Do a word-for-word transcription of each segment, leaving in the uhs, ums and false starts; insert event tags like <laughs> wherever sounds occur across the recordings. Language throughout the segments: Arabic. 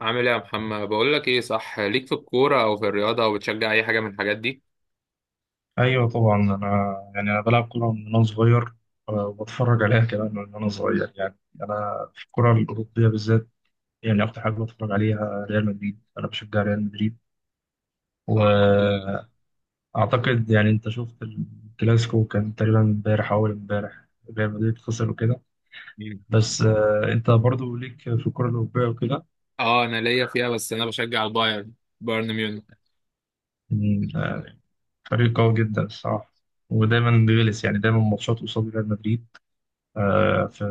عامل ايه يا محمد؟ بقول لك ايه، صح ليك في الكوره او في الرياضه، او بتشجع اي حاجه من الحاجات دي؟ ايوه طبعا. انا يعني انا بلعب كوره من وانا صغير. آه، وبتفرج عليها كمان من وانا صغير. يعني انا في الكره الاوروبيه بالذات، يعني اكتر حاجه بتفرج عليها ريال مدريد. انا بشجع ريال مدريد اه. واعتقد، يعني انت شفت الكلاسيكو؟ كان تقريبا امبارح او اول امبارح. ريال مدريد خسر وكده. مم. بس آه، انت برضو ليك في الكره الاوروبيه وكده. اه انا ليا فيها، بس انا بشجع البايرن، بايرن ميونخ. يعني، آه، فريق قوي جدا الصراحه، ودايما بيغلس. يعني دايما ماتشات قصاد ريال مدريد. آه، في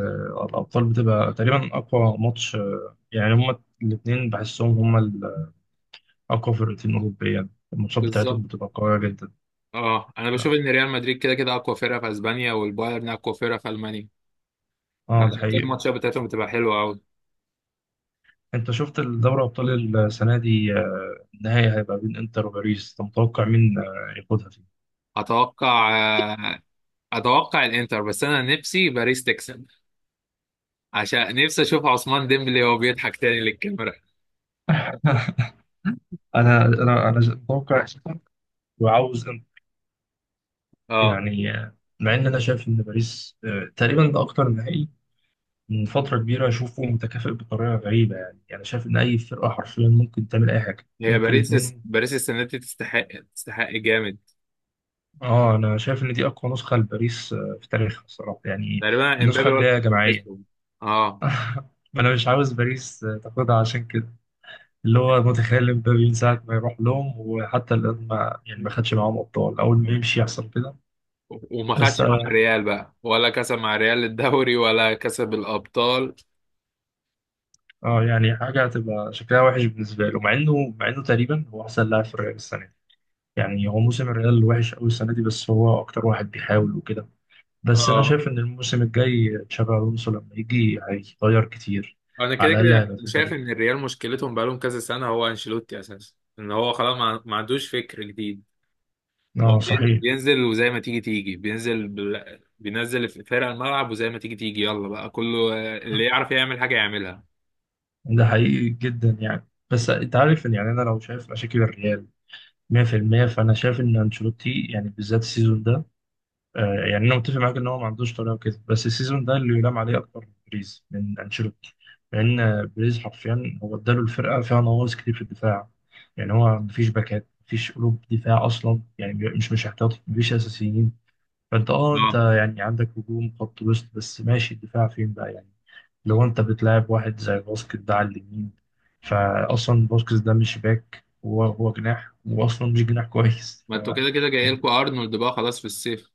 الأبطال بتبقى تقريبا أقوى ماتش. آه، يعني هما الاتنين بحسهم هما الأقوى فرقتين أوروبيا. الماتشات بتاعتهم بالظبط. بتبقى قوية جدا. اه انا بشوف ان ريال مدريد كده كده اقوى فرقه في اسبانيا، والبايرن اقوى فرقه في المانيا. اه ده عشان كده حقيقي. الماتشات بتاعتهم بتبقى حلوه قوي. انت شفت الدوري أبطال السنة دي؟ آه، النهائي هيبقى بين انتر وباريس. انت متوقع مين آه، ياخدها فيه؟ اتوقع، آه، اتوقع الانتر، بس انا نفسي باريس تكسب، عشان نفسي اشوف عثمان ديمبلي وهو بيضحك تاني للكاميرا. <laughs> انا انا انا متوقع انتر وعاوز انتر. اه. يعني آه، مع ان انا شايف ان باريس، آه، تقريبا ده اكتر نهائي من فترة كبيرة أشوفه متكافئ بطريقة غريبة. يعني يعني شايف إن أي فرقة حرفيا ممكن تعمل أي حاجة، هي ممكن باريس، الاتنين. باريس السنه دي تستحق، تستحق جامد. آه، أنا شايف إن دي أقوى نسخة لباريس آه، في تاريخها الصراحة، يعني تقريبا النسخة امبابي، اللي ولا هي كنت جماعية. بحسهم. اه. <laughs> ما أنا مش عاوز باريس آه، تاخدها عشان كده. اللي هو متخيل مبابي، من ساعة ما يروح لهم وحتى الآن ما يعني ما خدش معاهم أبطال. أول ما يمشي يحصل كده. وما بس خدش مع آه، الريال بقى، ولا كسب مع الريال الدوري، ولا كسب الابطال. آه، يعني حاجة هتبقى شكلها وحش بالنسبة له، مع إنه مع إنه تقريبا هو أحسن لاعب في الريال السنة دي. يعني هو موسم الريال وحش قوي السنه دي، بس هو اكتر واحد بيحاول وكده. بس انا اه شايف ان الموسم الجاي تشابي الونسو لما يجي هيغير كتير. انا كده على الاقل كده هيبقى في شايف طريقه. ان الريال مشكلتهم بقالهم كذا سنه هو انشيلوتي اساسا، ان هو خلاص ما ما عندوش فكر جديد. هو اه بي- صحيح. بينزل وزي ما تيجي تيجي، بينزل بال... بينزل في فرق الملعب وزي ما تيجي تيجي، يلا بقى كله اللي يعرف يعمل حاجه يعملها. ده حقيقي جدا يعني. بس انت عارف ان، يعني انا لو شايف مشاكل الريال مية في المية، فانا شايف ان انشيلوتي يعني بالذات السيزون ده. آه، يعني انا متفق معاك ان هو ما عندوش طريقه وكده، بس السيزون ده اللي يلام عليه اكتر بريز من انشيلوتي. لان آه، بريز حرفيا هو اداله. الفرقه فيها نواقص كتير في الدفاع. يعني هو مفيش باكات، مفيش قلوب دفاع اصلا. يعني مش مش احتياطي، مفيش اساسيين. فانت اه، انت اه، يعني عندك هجوم، خط وسط، بس ماشي. الدفاع فين بقى يعني؟ لو انت بتلاعب واحد زي باسكت ده على اليمين، فاصلا باسكت ده مش باك، هو هو جناح، واصلا مش جناح كويس. <laughs> ما ف انتوا كده كده جاي لكم ارنولد بقى خلاص في الصيف.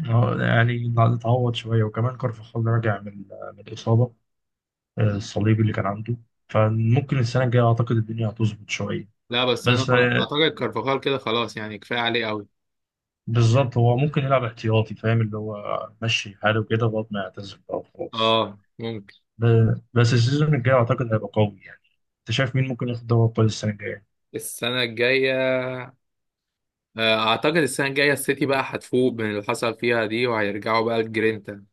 هو يعني اتعوض شوية، وكمان كارفاخال راجع من من الإصابة، آه، الصليبي اللي كان عنده. فممكن السنة الجاية أعتقد الدنيا هتظبط شوية. لا بس انا بس خلا- آه، اعتقد كارفاخال كده خلاص، يعني كفايه عليه قوي. بالظبط. هو ممكن يلعب احتياطي، فاهم، اللي هو مشي حاله كده لغاية ما يعتزل بقى وخلاص. اه ممكن. ب- بس السيزون الجاي أعتقد هيبقى قوي يعني. أنت شايف مين ممكن ياخد دوري أبطال السنة الجاية؟ السنه الجايه، آه، اعتقد السنه الجايه السيتي بقى هتفوق من اللي حصل فيها دي، وهيرجعوا بقى الجرينتا،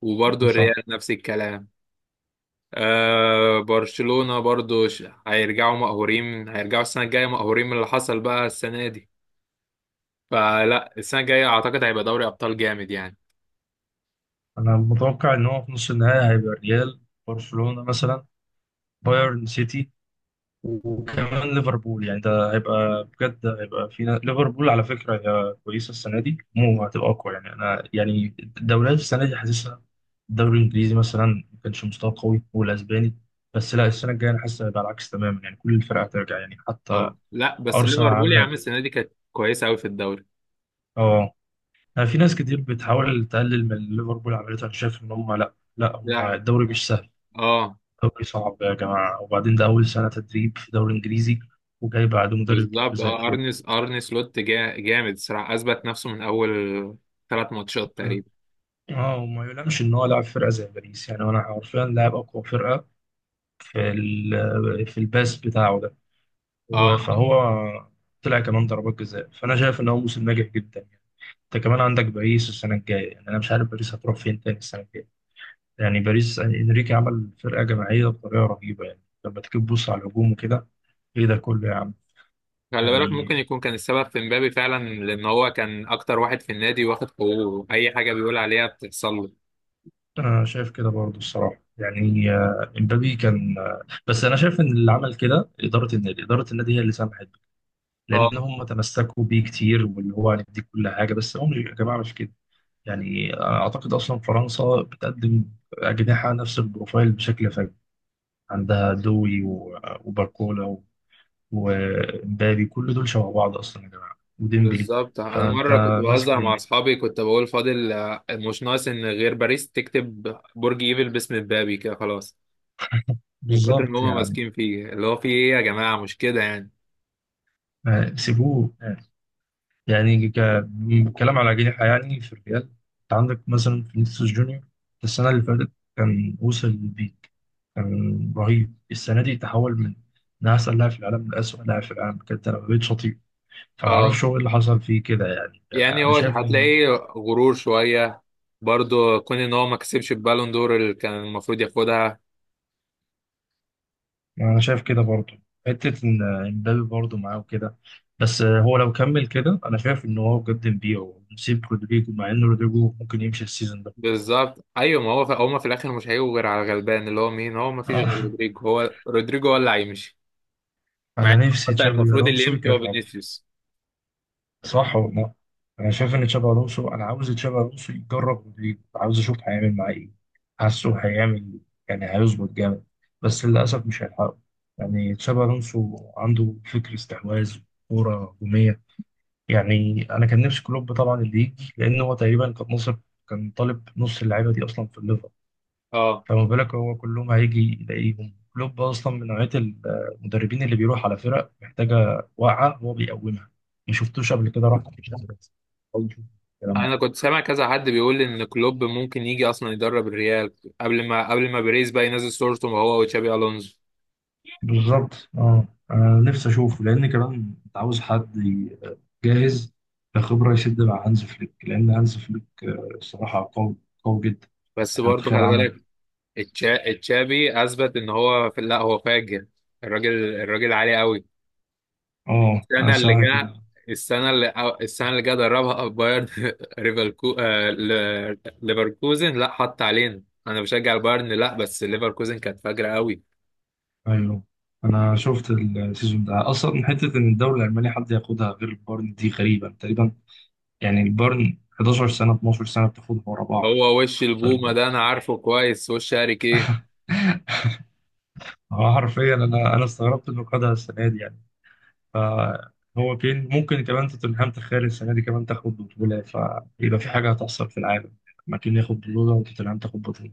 وبرضه صح. الريال نفس الكلام. آه، برشلونه برضه ش- هيرجعوا مقهورين، هيرجعوا السنه الجايه مقهورين من اللي حصل بقى السنه دي. فلا، السنه الجايه اعتقد هيبقى دوري ابطال جامد يعني. أنا متوقع إن هو في نص النهائي هيبقى الريال، برشلونة مثلا، بايرن، سيتي، وكمان ليفربول. يعني ده هيبقى بجد، هيبقى فينا ليفربول على فكرة. هي كويسة السنة دي، مو هتبقى أقوى. يعني أنا يعني الدوريات السنة دي حاسسها، الدوري الإنجليزي مثلا ما كانش مستوى قوي، والأسباني. بس لا، السنة الجاية أنا حاسس هيبقى العكس تماما. يعني كل الفرق هترجع، يعني حتى اه لا، بس أرسنال ليفربول يا عاملة. عم السنه دي كانت كويسه قوي في الدوري. أه، أنا في ناس كتير بتحاول تقلل من اللي ليفربول عملته. أنا شايف إن هم لا لا هم لا. الدوري مش سهل. اه الدوري صعب يا جماعة. وبعدين ده أول سنة تدريب في دوري إنجليزي، وجاي بعد مدرب كبير بالظبط، زي اه كلوب. ارني ارني سلوت جا... جامد الصراحه، اثبت نفسه من اول ثلاث ماتشات تقريبا. اه، وما يلامش ان هو لاعب فرقه زي باريس. يعني انا حرفيا لاعب اقوى فرقه في ال- في الباس بتاعه ده و- اه، فهو طلع كمان ضربات جزاء. فانا شايف ان هو موسم ناجح جدا يعني. انت كمان عندك باريس السنه الجايه، يعني انا مش عارف باريس هتروح فين تاني السنه الجايه. يعني باريس يعني انريكي عمل فرقه جماعيه بطريقه رهيبه. يعني لما تيجي تبص على الهجوم وكده، ايه ده كله يا عم؟ خلي بالك ممكن يعني يكون كان السبب في مبابي فعلا، لان هو كان اكتر واحد في النادي واخد حقوقه، اي حاجه بيقول عليها بتحصل له. انا شايف كده برضه الصراحه يعني. آه، امبابي كان آه، بس انا شايف ان اللي عمل كده اداره النادي. اداره النادي هي اللي سمحت. لان اه هم تمسكوا بيه كتير، واللي هو هنديك كل حاجه، بس هم يا جماعه مش كده يعني. اعتقد اصلا فرنسا بتقدم اجنحه نفس البروفايل بشكل فج. عندها دوي و- وباركولا و- ومبابي، كل دول شبه بعض اصلا يا جماعه، وديمبلي. بالظبط، انا فانت مره كنت ماسك بهزر مع ليه؟ اصحابي كنت بقول فاضل، آه، مش ناقص ان غير باريس تكتب برج ايفل باسم مبابي كده خلاص. من كتر ما بالظبط هم يعني. ماسكين فيه، اللي هو فيه ايه يا جماعه، مش كده يعني. آه، سيبوه. يعني ك... م- كلام على جناح، يعني في الريال انت عندك مثلا فينيسيوس جونيور. السنة اللي فاتت كان وصل للبيك، كان رهيب. السنة دي تحول من من أحسن لاعب في العالم لأسوأ لاعب في العالم. كانت أنا بقيت شطيب. اه، فمعرفش هو إيه اللي حصل فيه كده. يعني يعني أنا هو شايف إنه، هتلاقيه غرور شوية، برضو كون ان هو ما كسبش البالون دور اللي كان المفروض ياخدها. أنا شايف كده برضه، حتة إن إمبابي برضه معاه وكده. بس هو لو كمل كده، أنا شايف إن هو بجد نبيعه ونسيب رودريجو، مع إن رودريجو ممكن يمشي السيزون ده. بالظبط ايوه، ما هو في هما في الاخر مش هيجوا غير على الغلبان، اللي هو مين؟ هو ما فيش غير آه. رودريجو، هو رودريجو هو اللي هيمشي. مع أنا إن نفسي بتاع تشابي المفروض اللي ألونسو يمشي هو يكمل. فينيسيوس. صح والله. انا شايف ان تشابي الونسو، انا عاوز تشابي الونسو يجرب رودريجو، عاوز اشوف هيعمل معاه ايه. حاسه هيعمل، يعني هيظبط جامد. بس للاسف مش هيلحقه. يعني تشابي الونسو عنده فكر استحواذ، كوره هجوميه. يعني انا كان نفسي كلوب طبعا اللي يجي، لان هو تقريبا كان نصب. كان طالب نص اللعيبه دي اصلا في الليفر. اه فما بالك هو كلهم هيجي يلاقيهم. كلوب اصلا من نوعيه المدربين اللي بيروح على فرق محتاجه واقعه هو بيقومها. ما شفتوش قبل كده راح، مش بس أول شوف الكلام ده. انا كنت سامع كذا حد بيقول ان كلوب ممكن يجي اصلا يدرب الريال، قبل ما قبل ما بيريز بقى ينزل صورته هو وتشابي الونزو. بالظبط اه. انا نفسي اشوفه، لان كمان انت عاوز حد ي- جاهز كخبره يسد مع هانز فليك. لان هانز فليك آه، الصراحه قوي، قوي جدا. بس يعني أنا برضه متخيل خلي عمل بالك، إيه. التشا- التشابي اثبت ان هو في لا هو فاجر، الراجل الراجل عالي قوي. اه انا السنه اللي ساعه جا، كده. السنه اللي أو السنه اللي جا دربها بايرن. <laughs> ليفركو، آه، ل- ليفركوزن، لا حط علينا انا بشجع البايرن، لا بس ليفركوزن كانت فاجره قوي. ايوه، انا شفت السيزون ده اصلا، حته ان الدوري الالماني حد ياخدها غير بايرن دي غريبه تقريبا. يعني البيرن حداشر سنة اتناشر سنة بتاخدهم ورا بعض. هو وش البومه فال- ده انا عارفه كويس، وش هاريك ايه. <laughs> هو حرفيا انا انا استغربت انه خدها السنة دي يعني. فهو كين ممكن كمان توتنهام، تخيل السنة دي كمان تاخد بطولة، فيبقى في حاجة هتحصل في العالم. ما كين ياخد بطولة وتوتنهام تاخد بطولة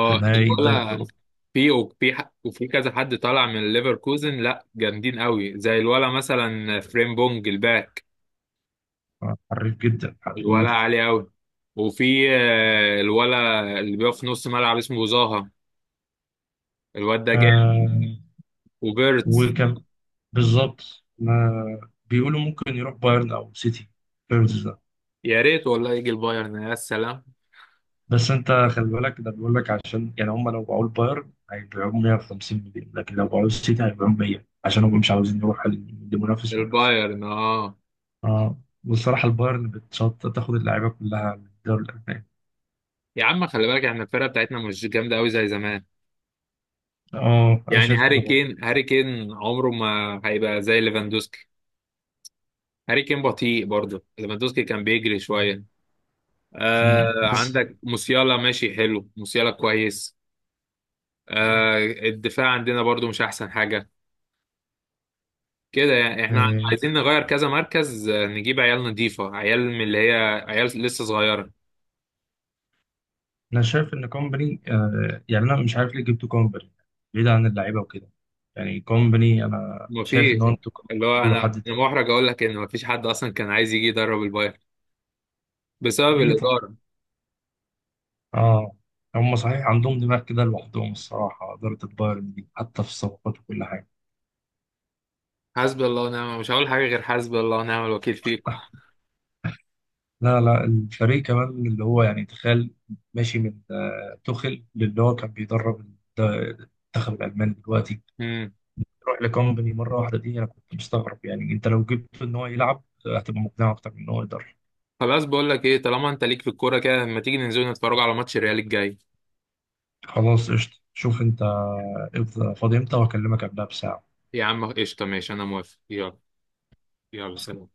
في نهائي الدوري الولا. الأوروبي. في وفي ح- وفي كذا حد طالع من ليفركوزن لا، جامدين قوي، زي الولا مثلا، فريمبونج الباك، حريف جدا، الولا حريف. عالي قوي. وفي آه، الولا اللي بيقف في نص ملعب اسمه زاها، الواد ده جامد. آه وبيرتس. وكان، بالظبط. ما بيقولوا ممكن يروح بايرن أو سيتي. يا ريت والله يجي البايرن يا سلام. بس انت خلي بالك، ده بيقول لك عشان يعني هم لو باعوا البايرن هيبيعوه مية وخمسين مليون، لكن لو باعوه السيتي هيبيعوه مية، عشان هم مش عاوزين يروحوا ل- لمنافس مباشر. البايرن اه. اه. والصراحه البايرن بتشط تاخد اللعيبه كلها من الدوري الالماني. يا عم خلي بالك احنا الفرقه بتاعتنا مش جامده قوي زي زمان، اه انا يعني شايف هاري كده برضه. كين، هاري كين عمره ما هيبقى زي ليفاندوسكي. هاري كين بطيء، برضه ليفاندوسكي كان بيجري شويه. آه مم. بس عندك موسيالا ماشي حلو، موسيالا كويس. آه الدفاع عندنا برضه مش احسن حاجه كده يعني، احنا آه، عايزين نغير كذا مركز، آه، نجيب عيال نضيفه، عيال من اللي هي عيال لسه صغيره. انا شايف ان كومباني، آه، يعني انا مش عارف ليه جبتوا كومباني بعيد عن اللعيبه وكده. يعني كومباني انا ما شايف فيش، ان هو، انتوا كنتوا اللي ممكن هو تجيبوا انا حد انا تاني. محرج اقول لك ان ما فيش حد اصلا كان عايز يجي يدرب البايرن بسبب ليه؟ الاداره. اه. هم صحيح عندهم دماغ كده لوحدهم الصراحة، إدارة البايرن دي حتى في الصفقات وكل حاجة. حسبي الله ونعم، مش هقول حاجه غير حسبي الله ونعم الوكيل فيكم. لا لا، الفريق كمان اللي هو يعني تخيل، ماشي من آه، توخيل للي هو كان بيدرب الد- المنتخب الألماني دلوقتي، امم. روح لكومباني مرة واحدة. دي أنا كنت مستغرب. يعني أنت لو جبت إن هو يلعب آه، هتبقى مقنع أكتر من إن هو يدرب. خلاص، بقول لك ايه، طالما انت ليك في الكوره كده، ما تيجي ننزل نتفرج على ماتش الريال الجاي؟ خلاص قشطة. شوف أنت إمتى- فاضي إمتى وهكلمك قبلها يا عم قشطه، ماشي انا موافق، يلا. يلا بساعة. سلام.